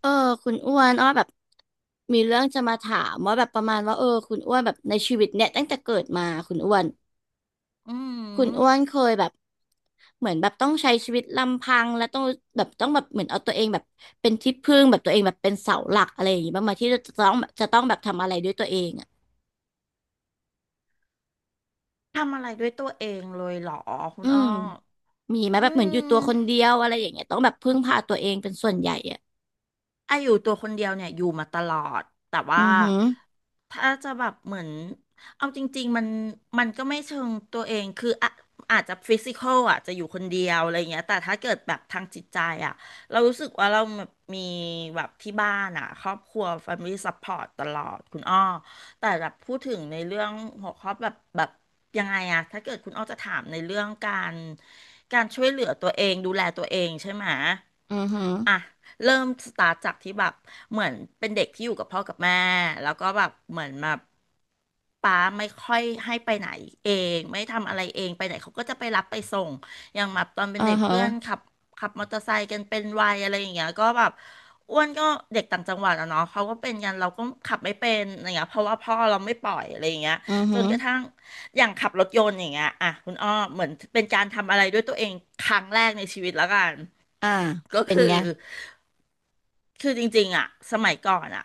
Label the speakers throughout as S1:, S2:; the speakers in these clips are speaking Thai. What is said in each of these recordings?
S1: เออคุณอ้วนอ้อแบบมีเรื่องจะมาถามว่าแบบประมาณว่าคุณอ้วนแบบในชีวิตเนี่ยตั้งแต่เกิดมาคุณอ้วน
S2: อื
S1: คุณอ้วน
S2: ม
S1: เคยแบบเหมือนแบบต้องใช้ชีวิตลำพังและต้องแบบต้องแบบเหมือนเอาตัวเองแบบเป็นที่พึ่งแบบตัวเองแบบเป็นเสาหลักอะไรอย่างงี้บ้างไหมที่จะต้องแบบทำอะไรด้วยตัวเองอ่ะ
S2: ทำอะไรด้วยตัวเองเลยเหรอคุ
S1: อื
S2: ณอ้อ
S1: มมีไหม
S2: อื
S1: แบบเหมือนอยู่ตัว
S2: ม
S1: คนเดียวอะไรอย่างเงี้ยต้องแบบพึ่งพาตัวเองเป็นส่วนใหญ่อ่ะ
S2: อายุตัวคนเดียวเนี่ยอยู่มาตลอดแต่
S1: อื
S2: ว่า
S1: อหือ
S2: ถ้าจะแบบเหมือนเอาจริงๆมันก็ไม่เชิงตัวเองคืออะอาจจะฟิสิกอลอ่ะจะอยู่คนเดียวอะไรเงี้ยแต่ถ้าเกิดแบบทางจิตใจอ่ะเรารู้สึกว่าเราแบบมีแบบที่บ้านอ่ะครอบครัว Family Support ตลอดคุณอ้อแต่แบบพูดถึงในเรื่องหัวข้อแบบยังไงอะถ้าเกิดคุณอ้อจะถามในเรื่องการช่วยเหลือตัวเองดูแลตัวเองใช่ไหม
S1: อือหือ
S2: อ่ะเริ่มสตาร์ทจากที่แบบเหมือนเป็นเด็กที่อยู่กับพ่อกับแม่แล้วก็แบบเหมือนแบบป้าไม่ค่อยให้ไปไหนเองไม่ทำอะไรเองไปไหนเขาก็จะไปรับไปส่งอย่างแบบตอนเป็
S1: อื
S2: นเด็
S1: อ
S2: ก
S1: หือ
S2: เพื่อนขับมอเตอร์ไซค์กันเป็นวัยอะไรอย่างเงี้ยก็แบบอ้วนก็เด็กต่างจังหวัดอะเนาะเขาก็เป็นกันเราก็ขับไม่เป็นอะไรเงี้ยเพราะว่าพ่อเราไม่ปล่อยอะไรอย่างเงี้ย
S1: อือ
S2: จ
S1: หื
S2: น
S1: อ
S2: กระทั่ง อย่างขับรถยนต์อย่างเงี้ยอ่ะคุณอ้อเหมือนเป็นการทำอะไรด้วยตัวเองครั้งแรกในชีวิตแล้วกัน
S1: อ่า
S2: ก็
S1: เป็น
S2: คือ
S1: ไง
S2: คือจริงๆอ่ะสมัยก่อนอ่ะ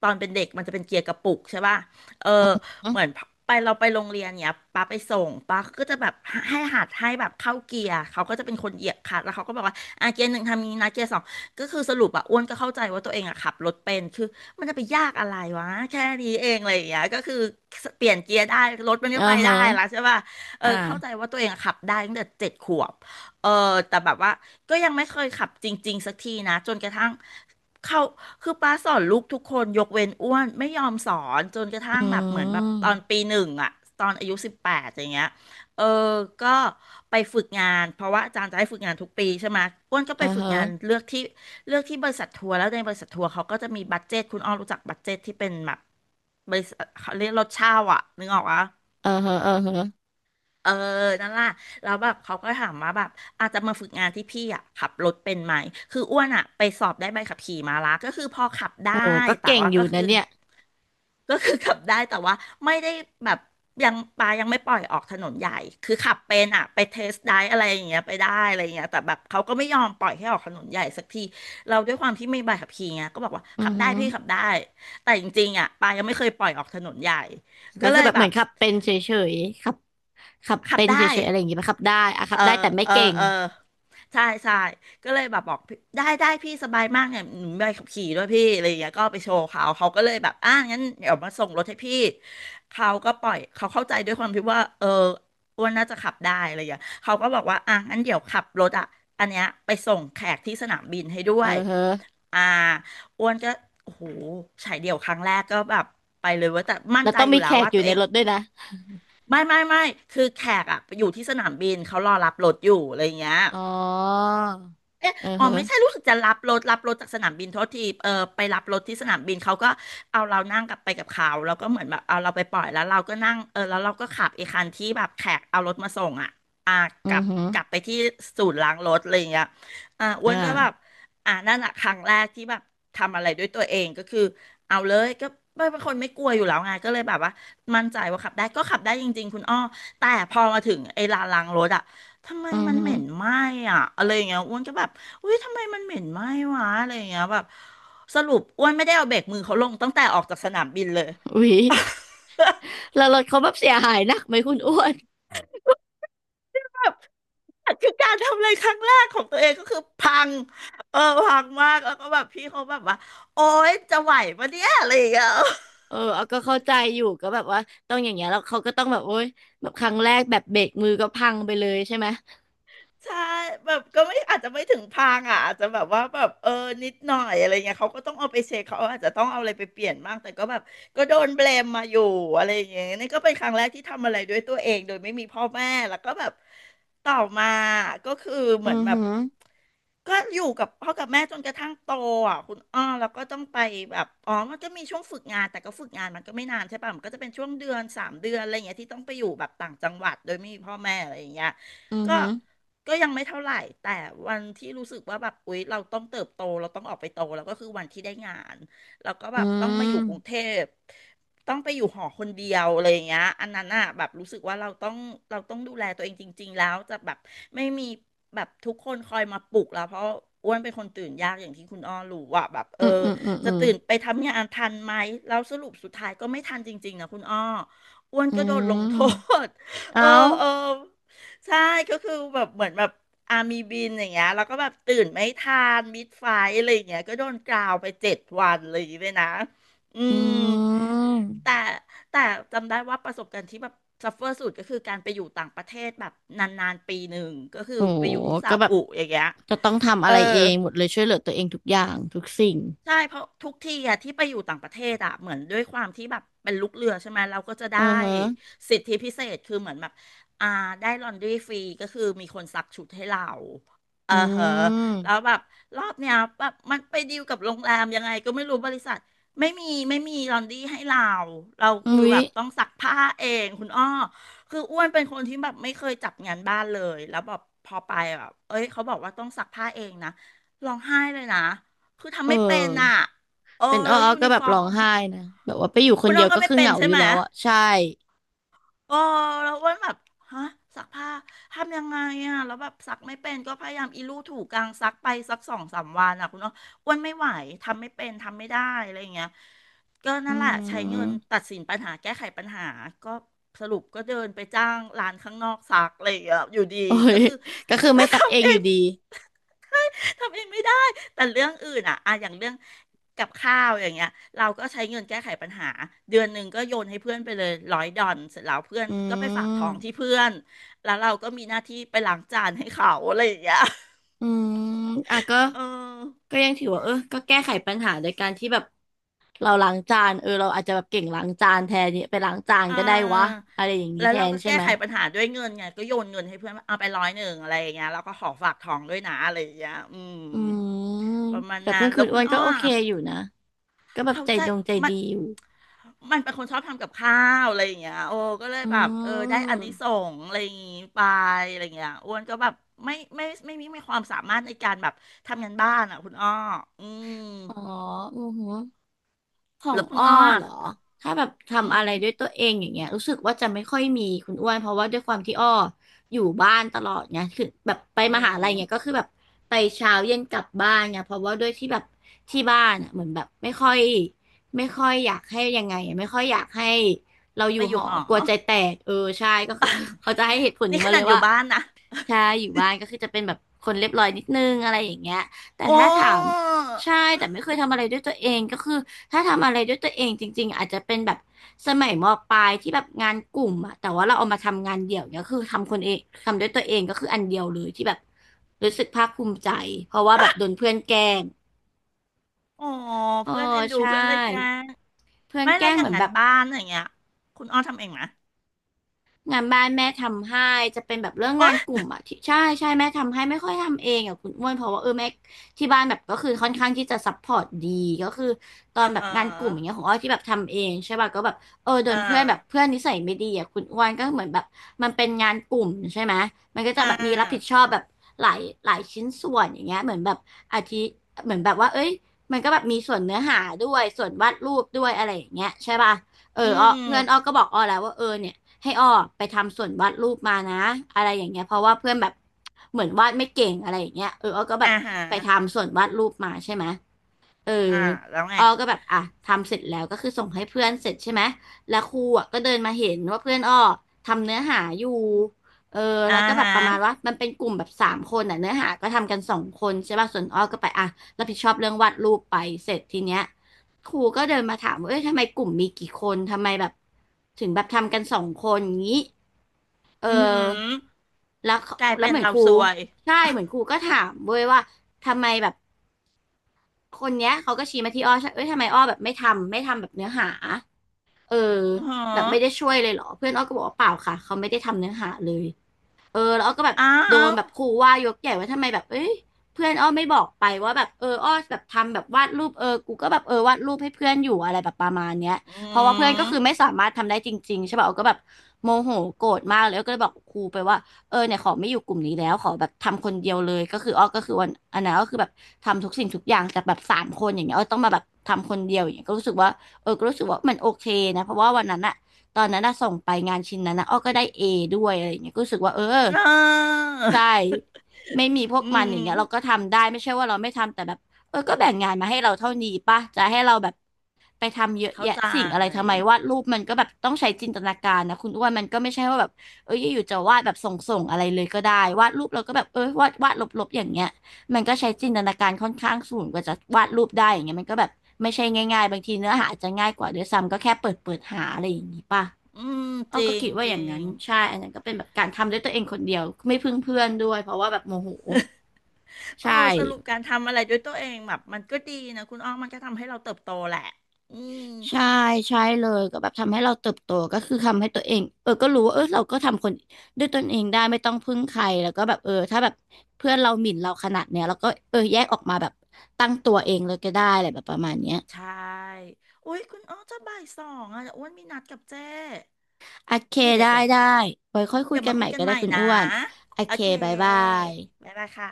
S2: ตอนเป็นเด็กมันจะเป็นเกียร์กระปุกใช่ป่ะเออ
S1: อือหืออ
S2: เหมือนไปเราไปโรงเรียนเนี้ยป้าไปส่งป้าก็จะแบบให้หัดให้แบบเข้าเกียร์เขาก็จะเป็นคนเหยียบคลัตช์แล้วเขาก็บอกว่าอ่ะเกียร์หนึ่งทำนี้นะเกียร์สองก็คือสรุปอ่ะอ้วนก็เข้าใจว่าตัวเองอ่ะขับรถเป็นคือมันจะไปยากอะไรวะแค่นี้เองอะไรอย่างเงี้ยก็คือเปลี่ยนเกียร์ได้รถมัน
S1: ื
S2: ก็
S1: อ
S2: ไป
S1: หื
S2: ได้
S1: อ
S2: ละใช่ป่ะเอ
S1: อ่า
S2: อเข้าใจว่าตัวเองอะขับได้ตั้งแต่7 ขวบเออแต่แบบว่า ก็ยังไม่เคยขับจริงๆสักทีนะจนกระทั่งเขาคือป้าสอนลูกทุกคนยกเว้นอ้วนไม่ยอมสอนจนกระ
S1: อื
S2: ทั่งแบบเหมือนแบบตอน
S1: ม
S2: ปีหนึ่งอะตอนอายุ18อย่างเงี้ยเออก็ไปฝึกงานเพราะว่าอาจารย์จะให้ฝึกงานทุกปีใช่ไหมอ้วนก็ไป
S1: อ่า
S2: ฝึก
S1: ฮะ
S2: งานเลือกที่บริษัททัวร์แล้วในบริษัททัวร์เขาก็จะมีบัดเจตคุณอ้อมรู้จักบัดเจตที่เป็นแบบบริษัทเขาเรียกรถเช่าอะนึกออกปะ
S1: อ่าฮะอ่าฮะ
S2: เออนั่นล่ะแล้วแบบเขาก็ถามว่าแบบอาจจะมาฝึกงานที่พี่อ่ะขับรถเป็นไหมคืออ้วนอ่ะไปสอบได้ใบขับขี่มาละก็คือพอขับได้
S1: โอ้ก็
S2: แต่
S1: เก่ง
S2: ว่า
S1: อ
S2: ก็
S1: ยู่
S2: คือ
S1: นะเนี่ย
S2: ก็คือขับได้แต่ว่าไม่ได้แบบยังปายังไม่ปล่อยออกถนนใหญ่คือขับเป็นอ่ะไปเทสได้อะไรอย่างเงี้ยไปได้อะไรอย่างเงี้ยแต่แบบเขาก็ไม่ยอมปล่อยให้ออกถนนใหญ่สักทีเราด้วยความที่ไม่มีใบขับขี่ไงก็บอกว่า
S1: อื
S2: ขั
S1: อ
S2: บได้
S1: ฮึ
S2: พี่ขับได้แต่จริงๆอ่ะปายังไม่เคยปล่อยออกถนนใหญ่ก็
S1: ก็
S2: เล
S1: คือ
S2: ย
S1: แบบ
S2: แบ
S1: เหมือ
S2: บ
S1: นขับเป็นเฉยๆขับ
S2: ขับ
S1: เป็นเฉ
S2: ได้
S1: ยๆอะไรอย่างงี้ปะขับได้อะ
S2: เอ
S1: ขับ
S2: อ
S1: ได้แต่ไม่
S2: เออ
S1: เก่ง
S2: เออใช่ใช่ก็เลยแบบบอกพี่ได้ได้พี่สบายมากเนี่ยหนูมีใบขับขี่ด้วยพี่อะไรอย่างเงี้ยก็เอาไปโชว์เขาเขาก็เลยแบบอ่ะงั้นเดี๋ยวมาส่งรถให้พี่เขาก็ปล่อยเขาเข้าใจด้วยความที่ว่าเอออ้วนน่าจะขับได้อะไรอย่างเงี้ยเขาก็บอกว่าอ่ะงั้นเดี๋ยวขับรถอ่ะอันเนี้ยไปส่งแขกที่สนามบินให้ด้
S1: เอ
S2: ว
S1: อ
S2: ย
S1: ฮะ
S2: อ่าอ้วนก็โอ้โหฉายเดี่ยวครั้งแรกก็แบบไปเลยเว่าแต่มั่น
S1: แล้ว
S2: ใจ
S1: ต้อง
S2: อยู่
S1: มี
S2: แล้
S1: แข
S2: ว
S1: ก
S2: ว่า
S1: อยู่
S2: ตัวเอ
S1: ใน
S2: ง
S1: รถด้วยนะ
S2: ไม่ไม่ไม่คือแขกอะอยู่ที่สนามบิน เขารอรับรถอยู่อะไรอย่างเงี้ย
S1: อ๋อ
S2: เออ
S1: เออ
S2: อ๋อ
S1: ฮะ
S2: ไม่ใช่รู้สึกจะรับรถจากสนามบินโทษทีเออไปรับรถที่สนามบินเขาก็เอาเรานั่งกลับไปกับเขาแล้วก็เหมือนแบบเอาเราไปปล่อยแล้วเราก็นั่งเออแล้วเราก็ขับไอ้คันที่แบบแขกเอารถมาส่งอ่ะอ่า
S1: อื
S2: กลั
S1: อ
S2: บ
S1: ฮึ
S2: กลับไปที่ศูนย์ล้างรถอะไรอย่างเงี้ยอ่าอ้ว
S1: อ่า
S2: นก็แบบอ่านั่นอะครั้งแรกที่แบบทำอะไรด้วยตัวเองก็คือเอาเลยก็ไม่เป็นคนไม่กลัวอยู่แล้วไงก็เลยแบบว่ามั่นใจว่าขับได้ก็ขับได้จริงๆคุณอ้อแต่พอมาถึงไอ้ลานล้างรถอ่ะ ทำไม
S1: อือ
S2: มัน
S1: ฮึ
S2: เหม็นไหม้อ่ะอะไรอย่างเงี้ยอ้วนก็แบบอุ้ยทำไมมันเหม็นไหม้วะอะไรอย่างเงี้ยแบบสรุปอ้วนไม่ได้เอาเบรกมือเขาลงตั้งแต่ออกจากสนามบินเลย
S1: อุ๊ยแล้วรถเขาแบบเสียหายหนักไหมคุณอ้วน
S2: แบบคือการทำอะไรครั้งแรกของตัวเองก็คือพังเออพังมากแล้วก็แบบพี่เขาแบบว่าโอ๊ยจะไหวปะเนี่ยอะไรอย่างเงี้ย
S1: เออเอาก็เข้าใจอยู่ก็แบบว่าต้องอย่างเงี้ยแล้วเขาก็ต้องแบบโอ๊ยแบบครั้งแรกแบบเบรกมือก็พังไปเลยใช่ไหม
S2: ใช่แบบก็ไม่อาจจะไม่ถึงพังอ่ะอาจจะแบบว่าแบบเออนิดหน่อยอะไรเงี้ยเขาก็ต้องเอาไปเช็คเขาอาจจะต้องเอาอะไรไปเปลี่ยนบ้างแต่ก็แบบก็โดนเบลมมาอยู่อะไรอย่างเงี้ยนี่ก็เป็นครั้งแรกที่ทำอะไรด้วยตัวเองโดยไม่มีพ่อแม่แล้วก็แบบต่อมาก็คือเห
S1: อื
S2: มือน
S1: อ
S2: แบ
S1: ฮึ
S2: บก็อยู่กับพ่อกับแม่จนกระทั่งโตอ่ะคุณอ้อแล้วก็ต้องไปแบบอ๋อมันก็มีช่วงฝึกงานแต่ก็ฝึกงานมันก็ไม่นานใช่ป่ะมันก็จะเป็นช่วงเดือนสามเดือนอะไรอย่างเงี้ยที่ต้องไปอยู่แบบต่างจังหวัดโดยไม่มีพ่อแม่อะไรอย่างเงี้ย
S1: อือ
S2: ก็
S1: ฮึ
S2: ก็ยังไม่เท่าไหร่แต่วันที่รู้สึกว่าแบบอุ๊ยเราต้องเติบโตเราต้องออกไปโตแล้วก็คือวันที่ได้งานแล้วก็แบ
S1: อื
S2: บต้องมาอ
S1: ม
S2: ยู่กรุงเทพต้องไปอยู่หอคนเดียวอะไรอย่างเงี้ยอันนั้นอ่ะแบบรู้สึกว่าเราต้องดูแลตัวเองจริงๆแล้วจะแบบไม่มีแบบทุกคนคอยมาปลุกแล้วเพราะอ้วนเป็นคนตื่นยากอย่างที่คุณอ้อรู้ว่าแบบเอ
S1: อื
S2: อ
S1: มอืมอืมอื
S2: จะ
S1: ม
S2: ตื่นไปทำงานทันไหมแล้วสรุปสุดท้ายก็ไม่ทันจริงๆนะคุณอ้ออ้วน
S1: อื
S2: ก็โดนลงโท
S1: ม
S2: ษ เออ
S1: เอา
S2: เออ ใช่ก็คือแบบเหมือนแบบอามีบินอย่างเงี้ยแล้วก็แบบตื่นไม่ทันมิดไฟอะไรอย่างเงี้ยก็โดนกราวไปเจ็ดวันอะไรอย่างเลยนะอื
S1: อื
S2: ม
S1: ม
S2: แต่แต่จำได้ว่าประสบการณ์ที่แบบซัฟเฟอร์สุดก็คือการไปอยู่ต่างประเทศแบบนานๆปีหนึ่งก็คือ
S1: โห
S2: ไปอยู่ที่ซา
S1: ก็แบบ
S2: อุอย่างเงี้ย
S1: จะต้องทำ
S2: เอ
S1: อะ
S2: อ
S1: ไรเองหมดเลยช่วยเหลือตัวเองทุกอย่างทุกสิ่ง
S2: ใช่เพราะทุกทีอะที่ไปอยู่ต่างประเทศอะเหมือนด้วยความที่แบบเป็นลูกเรือใช่ไหมเราก็จะ
S1: เอ
S2: ได้
S1: อฮะ
S2: สิทธิพิเศษคือเหมือนแบบอ่าได้ลอนดรีฟรีก็คือมีคนซักชุดให้เราเอ
S1: อื
S2: อเหอะแล้ว
S1: ม
S2: แบบรอบเนี้ยแบบมันไปดีลกับโรงแรมยังไงก็ไม่รู้บริษัทไม่มีลอนดรี้ให้เราเรา
S1: อุ๊
S2: คือ
S1: ย
S2: แบบต้องซักผ้าเองคุณอ้อคืออ้วนเป็นคนที่แบบไม่เคยจับงานบ้านเลยแล้วแบบพอไปแบบเอ้ยเขาบอกว่าต้องซักผ้าเองนะร้องไห้เลยนะ คือทำ
S1: เออ
S2: ไม่เป็นอ่ะโอ้
S1: เป็นอ้
S2: แล้
S1: อ
S2: วยู
S1: ๆก็
S2: นิ
S1: แบ
S2: ฟ
S1: บ
S2: อ
S1: ร้
S2: ร์
S1: อง
S2: ม
S1: ไห้นะแบบว่าไปอยู่ค
S2: คุ
S1: น
S2: ณ
S1: เดี
S2: น้
S1: ย
S2: อ
S1: ว
S2: งก็
S1: ก็
S2: ไม่
S1: คือ
S2: เป็
S1: เห
S2: น
S1: งา
S2: ใช่
S1: อยู่
S2: ไหม
S1: แล้วอะใช่
S2: โอ้แล้วอ้วนแบบฮะซักผ้าทำยังไงอ่ะแล้วแบบซักไม่เป็นก็พยายามอีลู่ถูกลางซักไปสักสองสามวันอ่ะคุณน้องอ้วนไม่ไหวทำไม่เป็นทำไม่ได้อะไรอย่างเงี้ยก็
S1: อื
S2: นั่นแหละใช้เงิ
S1: ม
S2: นตัดสินปัญหาแก้ไขปัญหาก็สรุปก็เดินไปจ้างร้านข้างนอกซักอะไรอย่างเงี้ยอยู่ดี
S1: โอ้
S2: ก็
S1: ย
S2: คือ
S1: ก็คือไม่ ซักเอ
S2: ทำ
S1: ง
S2: เอ
S1: อยู่
S2: ง
S1: ดี
S2: ทำเองไม่ได้ แต่เรื่องอื่นอ่ะอะอย่างเรื่องกับข้าวอย่างเงี้ยเราก็ใช้เงินแก้ไขปัญหา เดือนหนึ่งก็โยนให้เพื่อนไปเลยร้อยดอนเสร็จแล้วเพื่อน
S1: อื
S2: ก็ไปฝากท้อง
S1: ม
S2: ที่เพื่อนแล้วเราก็มีหน้าที่ไปล้างจานให้เขาอะไรอย่างเงี้ย
S1: อืมอ่ะก็
S2: เออ
S1: ก็ยังถือว่าเออก็แก้ไขปัญหาโดยการที่แบบเราล้างจานเออเราอาจจะแบบเก่งล้างจานแทนเนี่ยไปล้างจาน
S2: อ่
S1: ก็ได้วะ
S2: า
S1: อะไรอย่างนี้
S2: แล้ว
S1: แท
S2: เรา
S1: น
S2: ก็
S1: ใช่
S2: แก้
S1: ไหม
S2: ไขปัญหาด้วยเงินไงก็โยนเงินให้เพื่อนว่าเอาไปร้อยหนึ่งอะไรอย่างเงี้ยแล้วก็ขอฝากท้องด้วยนะอะไรอย่างเงี้ยอืม
S1: อืม
S2: ประมาณ
S1: กับ
S2: นั้
S1: เพื่อ
S2: น
S1: นคุ
S2: แล้
S1: ณ
S2: วคุ
S1: อ้ว
S2: ณ
S1: นก็
S2: อ้อ
S1: โอเคอยู่นะ ก็แบบ
S2: เขา
S1: ใจ
S2: ใจ
S1: ดงใจ
S2: มั
S1: ดี
S2: น
S1: อยู่
S2: มันเป็นคนชอบทำกับข้าวอะไรอย่างเงี้ยโอ้ก็เลย
S1: อื
S2: แบบเออได้อานิ
S1: ม
S2: สงส์อะไรอย่างงี้ไปอะไรอย่างเงี้ยอ้วนก็แบบไม่ไมมีความสามารถในการแบบทำงานบ้านอ่ะคุณอ้ออืม
S1: อ๋ออือหือ ของ
S2: แล้วคุณ
S1: อ้อ
S2: อ้อ
S1: เห
S2: อะ
S1: รอถ้าแบบ
S2: อื
S1: ทำ
S2: ม
S1: อะไรด้วยตัวเองอย่างเงี้ยรู้สึกว่าจะไม่ค่อยมีคุณอ้วนเพราะว่าด้วยความที่อ้ออยู่บ้านตลอดไงคือแบบไปม
S2: อื
S1: หา
S2: ม
S1: ลัยเงี้ยก็คือแบบไปเช้าเย็นกลับบ้านไงเพราะว่าด้วยที่แบบที่บ้านอะเหมือนแบบไม่ค่อยอยากให้ยังไงอะไม่ค่อยอยากให้เราอ
S2: ไป
S1: ยู่
S2: อ
S1: ห
S2: ยู่
S1: อ
S2: หอ
S1: กลัวใจแตกเออใช่ก็คือ เขาจะให้เหตุผล
S2: นี่
S1: นี้
S2: ข
S1: มาเล
S2: นาด
S1: ย
S2: อยู่
S1: ว่า
S2: บ้านนะ
S1: ใช่อยู่บ้านก็คือจะเป็นแบบคนเรียบร้อยนิดนึงอะไรอย่างเงี้ยแต่
S2: โอ้
S1: ถ้าถามใช่แต่ไม่เคยทำอะไรด้วยตัวเองก็คือถ้าทำอะไรด้วยตัวเองจริงๆอาจจะเป็นแบบสมัยมปลายที่แบบงานกลุ่มอะแต่ว่าเราเอามาทำงานเดี่ยวเนี่ยคือทำคนเองทำด้วยตัวเองก็คืออันเดียวเลยที่แบบรู้สึกภาคภูมิใจเพราะว่าแบบโดนเพื่อนแกล้ง
S2: โอ้
S1: อ๋อ
S2: เพื่อนเอ็นดู
S1: ใช่
S2: เพื่อนเลยแกล้ง
S1: เพื่อน
S2: ไม่
S1: แก
S2: แล้
S1: ล้
S2: ว
S1: ง
S2: อ
S1: เห
S2: ย่า
S1: มื
S2: ง
S1: อน
S2: งั้
S1: แบ
S2: น
S1: บ
S2: บ้านอย่างเงี้ยคุณอ้อทำเองไหม
S1: งานบ้านแม่ทำให้จะเป็นแบบเรื่อง
S2: โอ้
S1: งานก
S2: ย
S1: ลุ่มอ่ะที่ใช่แม่ทำให้ไม่ค่อยทำเองอ่ะคุณอ้วนเพราะว่าเออแม่ที่บ้านแบบก็คือค่อนข้างที่จะซัพพอร์ตดีก็คือตอ
S2: อ่า
S1: นแบบ
S2: ฮะ
S1: งานกลุ่มอย่างเงี้ยของอ้อยที่แบบทำเองใช่ป่ะก็แบบเออโด
S2: อ่า
S1: นเพื่อนแบบเพื่อนนิสัยไม่ดีอ่ะคุณอ้วนก็เหมือนแบบมันเป็นงานกลุ่มใช่ไหมมันก็จะ
S2: อ่
S1: แบบมีรับผิด
S2: า
S1: ชอบแบบหลายชิ้นส่วนอย่างเงี้ยเหมือนแบบอาทิเหมือนแบบว่าเอ้ยมันก็แบบมีส่วนเนื้อหาด้วยส่วนวาดรูปด้วยอะไรอย่างเงี้ยใช่ป่ะเอ
S2: อื
S1: อเพื่
S2: ม
S1: อนอ้อก็บอกอ้อแล้วว่าเออเนี่ย ให้อ้อไปทำส่วนวาดรูปมานะอะไรอย่างเงี้ยเพราะว่าเพื่อนแบบเหมือนวาดไม่เก่งอะไรอย่างเงี้ยเอออ้อก็แบ
S2: อ่า
S1: บ
S2: ฮะ
S1: ไปทำส่วนวาดรูปมาใช่ไหม เออ
S2: อ่าแล้วไง
S1: อ้อก็แบบอ่ะทำเสร็จแล้วก็คือส่งให้เพื่อนเสร็จใช่ไหมแล้วครูอ่ะก็เดินมาเห็นว่าเพื่อนอ้อทำเนื้อหาอยู่เออ
S2: อ่า
S1: แล้วก็แบบ
S2: ฮะ
S1: ประมาณว่ามันเป็นกลุ่มแบบสามคนอ่ะเนื้อหาก็ทำกันสองคนใช่ป่ะส่วนอ้อก็ไปอ่ะรับผิดชอบเรื่องวาดรูปไปเสร็จทีเนี้ยครูก็เดินมาถามว่าเอ้ยทำไมกลุ่มมีกี่คนทำไมแบบถึงแบบทำกันสองคนอย่างนี้เอ
S2: อือหือ
S1: อแล้ว
S2: กลาย
S1: แล้ว
S2: เป็น
S1: เหมือน
S2: เรา
S1: ครู
S2: ซวย
S1: ใช่เหมือนครูก็ถามเว้ยว่าทำไมแบบ คนเนี้ยเขาก็ชี้มาที่อ้อใช่เอ้ยทำไมอ้อแบบไม่ทำแบบเนื้อหา เออ
S2: อือหื
S1: แบบ
S2: อ
S1: ไม่ได้ช่วยเลยเหรอเพื่อนอ้อก็บอกว่าเปล่าค่ะเขาไม่ได้ทำเนื้อหาเลย เออแล้วอ้อก็แบบ
S2: อ้า
S1: โดน
S2: ว
S1: แบบครูว่ายกใหญ่ว่าทำไมแบบเอ้ยเพื่อนอ้อไม่บอกไปว่าแบบอ้อแบบทำแบบวาดรูปกูก็แบบวาดรูปให้เพื่อนอยู่อะไรแบบประมาณเนี้ย
S2: อื
S1: เพราะว่าเพื่อนก็คือไม่
S2: ม
S1: สามารถทำได้จริงๆใช่ป่ะอ้อก็แบบโมโหโกรธมากเลยอ้อก็เลยบอกครูไปว่าเออเนี่ยขอไม่อยู่กลุ่มนี้แล้วขอแบบทำคนเดียวเลยก็คืออ้อก็คือวันอันนั้นก็คือแบบทำทุกสิ่งทุกอย่างแต่แบบสามคนอย่างเงี้ยอ้อต้องมาแบบทำคนเดียวอย่างเงี้ยก็รู้สึกว่าเออก็รู้สึกว่ามันโอเคนะเพราะว่าวันนั้นอะ ตอนนั้นน่ะส่งไปงานชิ้นนั้นนะอ้อก็ได้เอด้วยอะไรอย่างเงี้ยก็รู้สึกว่าเออ
S2: เออ
S1: ใช่ไม่มีพวก
S2: อื
S1: มันอ
S2: ม
S1: ย่างเงี้ยเราก็ทำได้ไม่ใช่ว่าเราไม่ทำแต่แบบก็แบ่งงานมาให้เราเท่านี้ป่ะจะให้เราแบบไปทำเยอะ
S2: เข้า
S1: แยะ
S2: ใจ
S1: สิ่งอะไรทำไมวาดรูปมันก็แบบต้องใช้จินตนาการนะคุณอ้วนมันก็ไม่ใช่ว่าแบบเอออยู่ๆจะวาดแบบส่งอะไรเลยก็ได้วาดรูปเราก็แบบเออวาดลบๆอย่างเงี้ยมันก็ใช้จินตนาการค่อนข้างสูงกว่าจะวาดรูปได้อย่างเงี้ยมันก็แบบไม่ใช่ง่ายๆบางทีเนื้อหาอาจจะง่ายกว่าด้วยซ้ำก็แค่เปิดหาอะไรอย่างงี้ป่ะ
S2: อืม
S1: อ้
S2: จ
S1: อ
S2: ริ
S1: ก็
S2: ง
S1: คิดว่า
S2: จ
S1: อ
S2: ริ
S1: ย่างนั้
S2: ง
S1: นใช่อันนั้นก็เป็นแบบการทำด้วยตัวเองคนเดียวไม่พึ่งเพื่อนด้วยเพราะว่าแบบโมโห
S2: โอ้
S1: ใช่
S2: สรุปการทำอะไรด้วยตัวเองแบบมันก็ดีนะคุณอ้อมมันก็ทำให้เราเติบโตแหละ อืม
S1: ใช่ใช่เลยก็แบบทำให้เราเติบโตก็คือทำให้ตัวเองเออก็รู้ว่าเออเราก็ทำคนด้วยตนเองได้ไม่ต้องพึ่งใครแล้วก็แบบถ้าแบบเพื่อนเราหมิ่นเราขนาดเนี้ยเราก็เออแยกออกมาแบบตั้งตัวเองเลยก็ได้อะไรแบบประมาณเนี้ย
S2: ใช่อุ้ย คุณอ้อจะบ่ายสองอ่ะอ้วนมีนัดกับเจ้
S1: โอเค
S2: เดี๋ยว
S1: ได้
S2: เดี๋ยว
S1: ได้ไว้ค่อยคุย
S2: เดี๋ยว
S1: กัน
S2: มา
S1: ให
S2: คุ
S1: ม่
S2: ยกัน
S1: ก็
S2: ให
S1: ได้
S2: ม่
S1: คุณ
S2: นะ
S1: อ้วนโอ
S2: โอ
S1: เค
S2: เค
S1: บายบาย
S2: บ๊ายบายค่ะ